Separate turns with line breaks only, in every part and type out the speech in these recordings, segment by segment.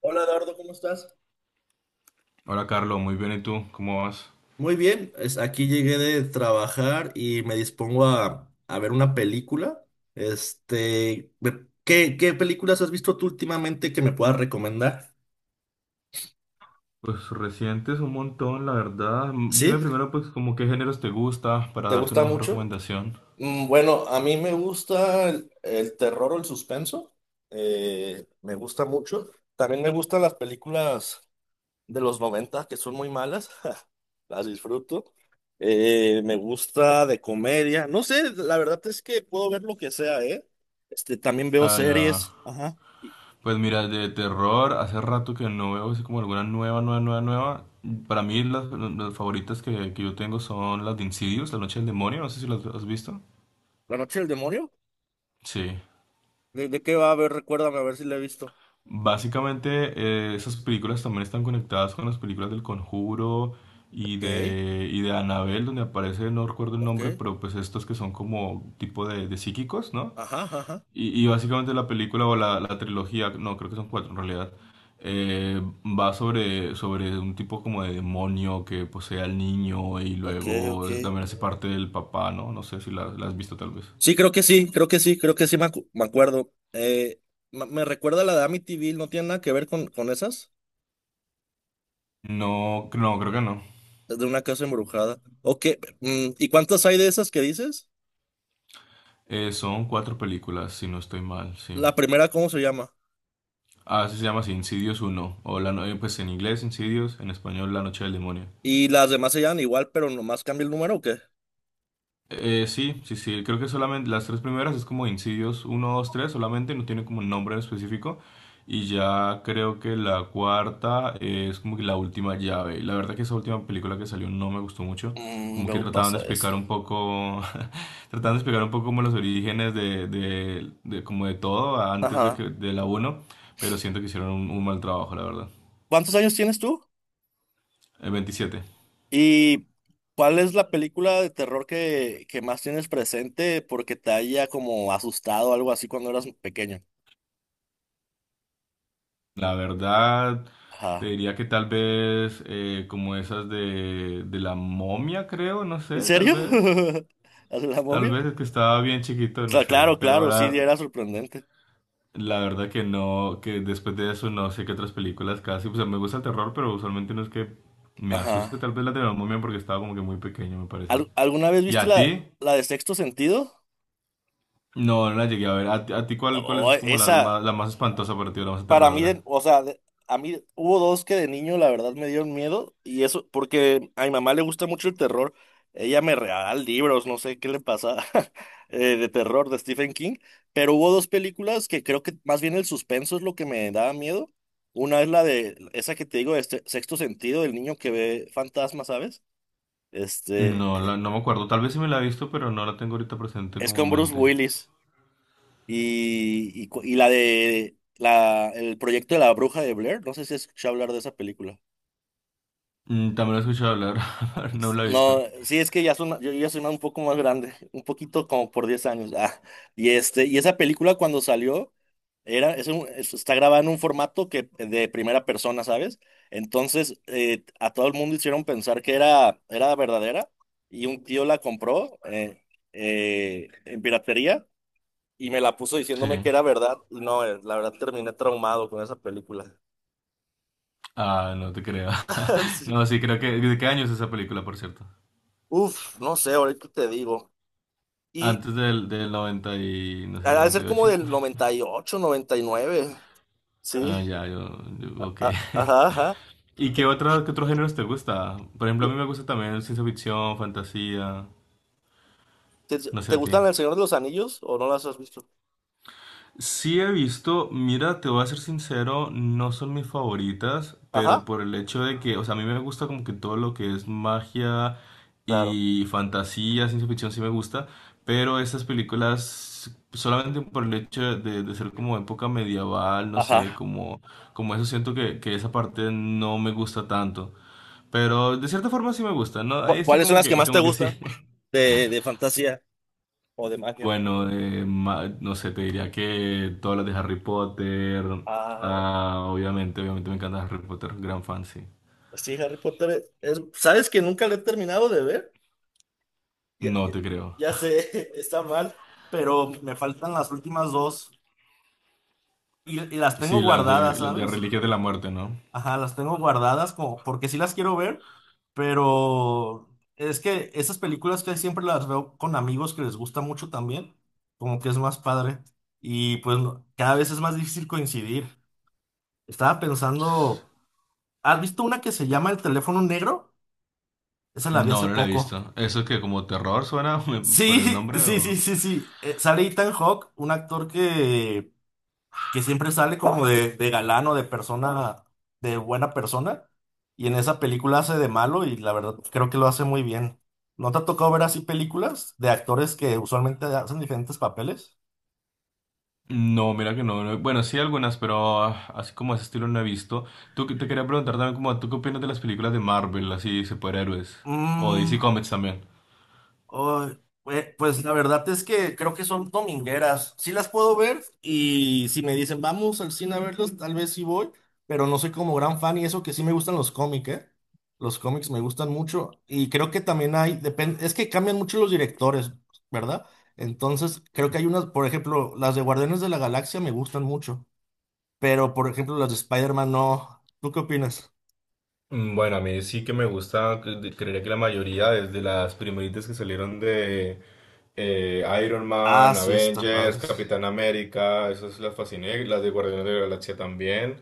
Hola Eduardo, ¿cómo estás?
Hola Carlos, muy bien. ¿Y tú? ¿Cómo vas?
Muy bien, aquí llegué de trabajar y me dispongo a ver una película. Este, ¿qué películas has visto tú últimamente que me puedas recomendar?
Pues recientes un montón, la verdad.
¿Sí?
Dime primero pues como qué géneros te gusta para
¿Te
darte
gusta
una mejor
mucho?
recomendación.
Bueno, a mí me gusta el terror o el suspenso. Me gusta mucho. También me gustan las películas de los 90 que son muy malas, las disfruto. Me gusta de comedia. No sé, la verdad es que puedo ver lo que sea, ¿eh? Este, también veo
Ah, ya.
series. Ajá.
Pues mira, de terror, hace rato que no veo así como alguna nueva, nueva, nueva, nueva. Para mí las favoritas que yo tengo son las de Insidious, La Noche del Demonio, no sé si las has visto.
¿La noche del demonio?
Sí.
¿De qué va a ver? Recuérdame a ver si la he visto.
Básicamente, esas películas también están conectadas con las películas del Conjuro y
Ok,
y de Annabelle, donde aparece, no recuerdo el
ok.
nombre, pero pues estos que son como tipo de psíquicos, ¿no?
Ajá, ajá.
Y básicamente la película o la trilogía, no, creo que son cuatro en realidad, va sobre un tipo como de demonio que posee al niño y
Ok, ok.
luego también hace parte del papá, ¿no? No sé si la has visto tal vez.
Sí, creo que sí, creo que sí, creo que sí me, me acuerdo. Me recuerda a la de Amityville, ¿no tiene nada que ver con esas?
No, no, creo que no.
Es de una casa embrujada. Ok, ¿y cuántas hay de esas que dices?
Son cuatro películas, si no estoy mal, sí.
La primera, ¿cómo se llama?
Ah, eso se llama así, Insidious uno. O la pues en inglés Insidious, en español La Noche del Demonio.
Y las demás se llaman igual, pero nomás cambia el número, ¿o qué?
Sí, sí, sí, creo que solamente las tres primeras es como Insidious uno dos tres, solamente no tiene como un nombre en específico. Y ya creo que la cuarta es como que la última llave. La verdad que esa última película que salió no me gustó mucho.
Mm,
Como que
luego
trataban de
pasa eso.
explicar un poco, trataban de explicar un poco como los orígenes de como de todo antes de,
Ajá.
que, de la uno, pero siento que hicieron un mal trabajo, la verdad.
¿Cuántos años tienes tú?
El 27.
¿Y cuál es la película de terror que más tienes presente porque te haya como asustado o algo así cuando eras pequeño?
La verdad, te
Ajá.
diría que tal vez como esas de la momia, creo, no
¿En
sé, tal
serio?
vez.
¿Hace la
Tal
momia?
vez es que estaba bien chiquito, no sé.
Claro,
Pero
claro, sí,
ahora,
era sorprendente.
la verdad que no, que después de eso no sé qué otras películas casi. O sea, me gusta el terror, pero usualmente no es que me asuste.
Ajá.
Tal vez la de la momia porque estaba como que muy pequeño, me parece.
¿Alguna vez
¿Y
viste
a
la,
ti?
la de Sexto Sentido?
No, no la llegué a ver. A ti cuál, cuál
Oh,
es como
esa.
la más espantosa para ti o la más
Para mí,
aterradora?
o sea, a mí hubo dos que de niño la verdad me dieron miedo y eso porque a mi mamá le gusta mucho el terror. Ella me regala libros, no sé qué le pasa de terror de Stephen King, pero hubo dos películas que creo que más bien el suspenso es lo que me daba miedo. Una es la de esa que te digo, este Sexto Sentido, del niño que ve fantasmas, ¿sabes? Este
No,
eh,
no me acuerdo. Tal vez sí me la he visto, pero no la tengo ahorita presente
es
como
con
en
Bruce
mente.
Willis y, el proyecto de la bruja de Blair, no sé si has escuchado hablar de esa película.
También lo he escuchado hablar, no
Pues,
lo he
no,
visto.
sí, es que ya soy, yo ya soy más- un poco más grande, un poquito como por 10 años. Ah, y este, y esa película cuando salió, era, es un- es- está grabada en un formato que, de primera persona, ¿sabes? Entonces, a todo el mundo hicieron pensar que era verdadera, y un tío la compró en piratería y me la puso diciéndome
Sí.
que era verdad. Y no, la verdad terminé traumado con esa película.
Ah, no te creo.
Sí.
No, sí, creo que... ¿De qué año es esa película, por cierto?
Uf, no sé, ahorita te digo.
Antes del, del 90 y... no
Ha
sé,
de
noventa
ser
y
como
ocho
del noventa y 99.
Ah,
Sí.
ya, yo... ok.
Ajá, ajá.
¿Y qué, otra, qué otros géneros te gusta? Por ejemplo, a mí me gusta también ciencia ficción, fantasía,
¿Te, te-
no sé
te
a ti.
gustan El Señor de los Anillos o no las has visto?
Sí he visto, mira, te voy a ser sincero, no son mis favoritas, pero
Ajá,
por el hecho de que, o sea, a mí me gusta como que todo lo que es magia
claro.
y fantasía, ciencia ficción sí me gusta, pero estas películas solamente por el hecho de ser como época medieval, no sé,
Ajá.
como, como eso siento que esa parte no me gusta tanto, pero de cierta forma sí me gusta, ¿no? Ahí estoy
¿Cuáles son las que más te
como que sí.
gustan de fantasía o de magia?
Bueno, no sé, te diría que todas las de Harry Potter.
Ah,
Ah, obviamente, obviamente me encanta Harry Potter, gran fan, sí.
sí, Harry Potter. ¿Sabes que nunca lo he terminado de ver? Ya,
No
ya-
te creo.
ya sé, está mal, pero me faltan las últimas dos y las tengo
Sí,
guardadas,
las de
¿sabes?
Reliquias de la Muerte, ¿no?
Ajá, las tengo guardadas como porque sí las quiero ver, pero es que esas películas que siempre las veo con amigos que les gusta mucho también, como que es más padre y pues cada vez es más difícil coincidir. Estaba pensando, ¿has visto una que se llama El teléfono negro? Esa la vi
No,
hace
no la he
poco.
visto. ¿Eso es que como terror suena por el
Sí,
nombre
sí, sí,
o...?
sí, sí. Sale Ethan Hawke, un actor que siempre sale como de galán o de persona, de buena persona, y en esa película hace de malo y la verdad pues, creo que lo hace muy bien. ¿No te ha tocado ver así películas de actores que usualmente hacen diferentes papeles?
No, mira que no. Bueno, sí algunas, pero así como ese estilo no he visto. Tú te quería preguntar también como, ¿tú qué opinas de las películas de Marvel, así, superhéroes? O
Mm,
DC Comics también.
Ay, pues la verdad es que creo que son domingueras. Sí las puedo ver y si me dicen vamos al cine a verlos, tal vez sí voy, pero no soy como gran fan y eso que sí me gustan los cómics, ¿eh? Los cómics me gustan mucho y creo que también hay, depende, es que cambian mucho los directores, ¿verdad? Entonces creo que hay unas, por ejemplo, las de Guardianes de la Galaxia me gustan mucho, pero por ejemplo las de Spider-Man no. ¿Tú qué opinas?
Bueno, a mí sí que me gusta, creería que la mayoría, desde las primeritas que salieron de Iron
Ah,
Man,
sí, está
Avengers,
padres.
Capitán América, esas las fasciné, las de Guardianes de la Galaxia también.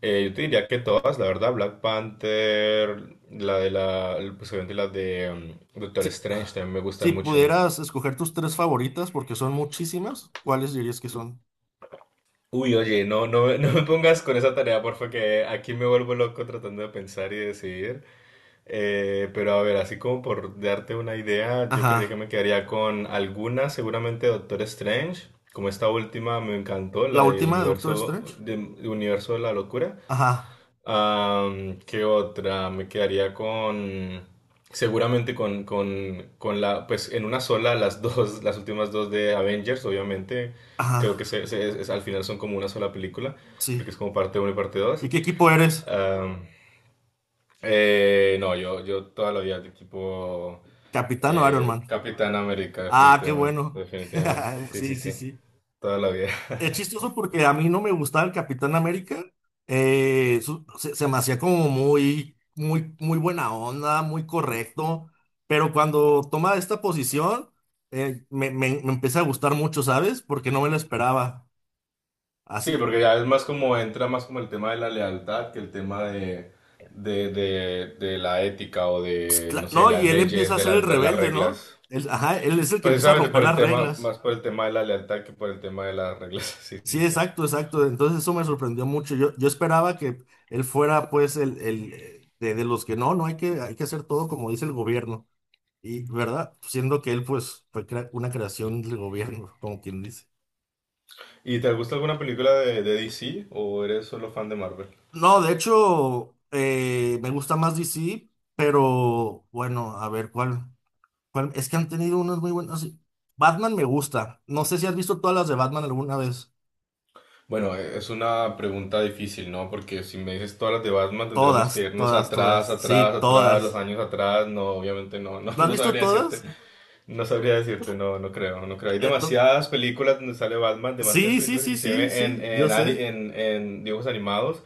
Yo te diría que todas, la verdad, Black Panther, la de la, pues obviamente las de Doctor
Si,
Strange también me gustan
si
mucho.
pudieras escoger tus tres favoritas, porque son muchísimas, ¿cuáles dirías que son?
Uy, oye, no, no, no me pongas con esa tarea, porfa, que aquí me vuelvo loco tratando de pensar y decidir. Pero a ver, así como por darte una idea, yo creería que
Ajá.
me quedaría con alguna, seguramente Doctor Strange, como esta última me encantó,
La
la
última de Doctor Strange.
De Universo de la Locura.
Ajá.
Am, ¿qué otra? Me quedaría con, seguramente con la, pues en una sola las dos, las últimas dos de Avengers, obviamente,
Ajá.
creo que al final son como una sola película,
Sí.
porque es como parte uno y parte dos.
¿Y qué equipo eres?
Eh, no, yo toda la vida de tipo
¿Capitán o Iron Man?
Capitán América,
Ah, qué
definitivamente,
bueno.
definitivamente, sí, sí,
Sí, sí,
sí,
sí.
toda la vida.
Es chistoso porque a mí no me gustaba el Capitán América. Se me hacía como muy, muy, muy buena onda, muy correcto. Pero cuando toma esta posición, me empieza a gustar mucho, ¿sabes? Porque no me lo esperaba.
Sí,
Así,
porque ya es más como, entra más como el tema de la lealtad que el tema de la ética o
pues,
de, no sé,
no, y
las
él empieza
leyes,
a ser el
de las
rebelde, ¿no?
reglas.
Él, ajá, él es el que empieza a
Precisamente
romper
por el
las
tema,
reglas.
más por el tema de la lealtad que por el tema de las reglas, sí, sí,
Sí,
sí.
exacto, exacto. Entonces eso me sorprendió mucho. Yo esperaba que él fuera, pues, de los que no hay que hacer todo como dice el gobierno. Y, ¿verdad? Siendo que él, pues, fue una creación del gobierno, como quien dice.
¿Y te gusta alguna película de DC o eres solo fan de Marvel?
No, de hecho, me gusta más DC, pero bueno, a ver cuál, cuál. Es que han tenido unas muy buenas. Sí. Batman me gusta. No sé si has visto todas las de Batman alguna vez.
Bueno, es una pregunta difícil, ¿no? Porque si me dices todas las de Batman, tendremos que
Todas,
irnos
todas, todas.
atrás, atrás,
Sí,
atrás, los
todas.
años atrás. No, obviamente no, no,
¿No has
no
visto
sabría decirte,
todas?
no sabría decirte, no, no creo, no creo. Hay
Eh,
demasiadas películas donde sale Batman, demasiadas
Sí, sí,
películas,
sí, sí,
inclusive
sí, yo
en,
sé.
en dibujos animados,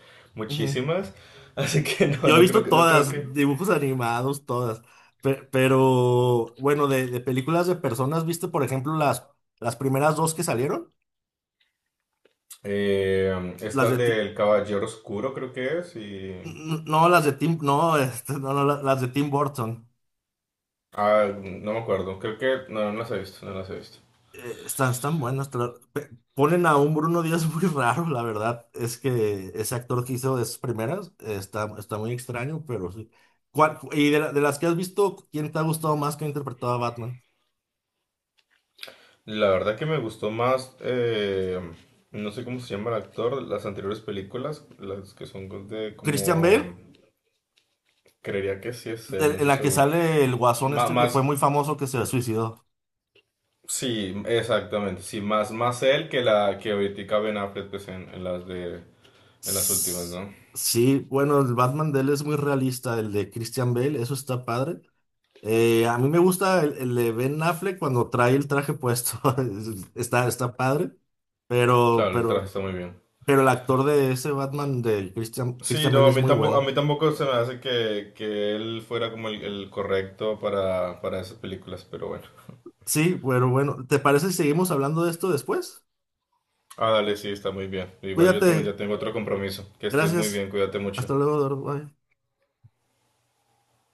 Ujú.
muchísimas. Así que no,
Yo he
no creo
visto
que, no creo que.
todas, dibujos animados, todas. Pero, bueno, de películas de personas, ¿viste, por ejemplo, las primeras dos que salieron? Las
Esta
de
del Caballero Oscuro, creo que es, y.
no, las de Tim, no, este, no, no, las de Tim Burton.
Ah, no me acuerdo, creo que. No, no las he visto, no las he visto.
Están buenas. Pero ponen a un Bruno Díaz muy raro, la verdad. Es que ese actor que hizo de esas primeras está muy extraño, pero sí. De las que has visto, ¿quién te ha gustado más que ha interpretado a Batman?
La verdad que me gustó más, no sé cómo se llama el actor, las anteriores películas, las que son de
¿Christian Bale?
como, creería que sí es él,
de-
no
en
estoy
la que
seguro.
sale el guasón este que fue
Más,
muy famoso que se suicidó.
sí, exactamente, sí, más, más él que la que ahorita Ben Affleck pues, en las de, en las últimas,
Sss,
¿no?
Sí, bueno, el Batman de él es muy realista, el de Christian Bale, eso está padre. A mí me gusta el de Ben Affleck cuando trae el traje puesto, está padre, pero,
Claro, el traje
pero,
está muy bien.
pero el actor de ese Batman de Christian,
Sí,
Christian
no,
Bale es muy
a
bueno.
mí tampoco se me hace que él fuera como el correcto para esas películas, pero bueno.
Sí, pero bueno, ¿te parece si seguimos hablando de esto después?
Ah, dale, sí, está muy bien. Igual yo también ya
Cuídate,
tengo otro compromiso. Que estés muy
gracias,
bien, cuídate mucho.
hasta luego, Doro, bye.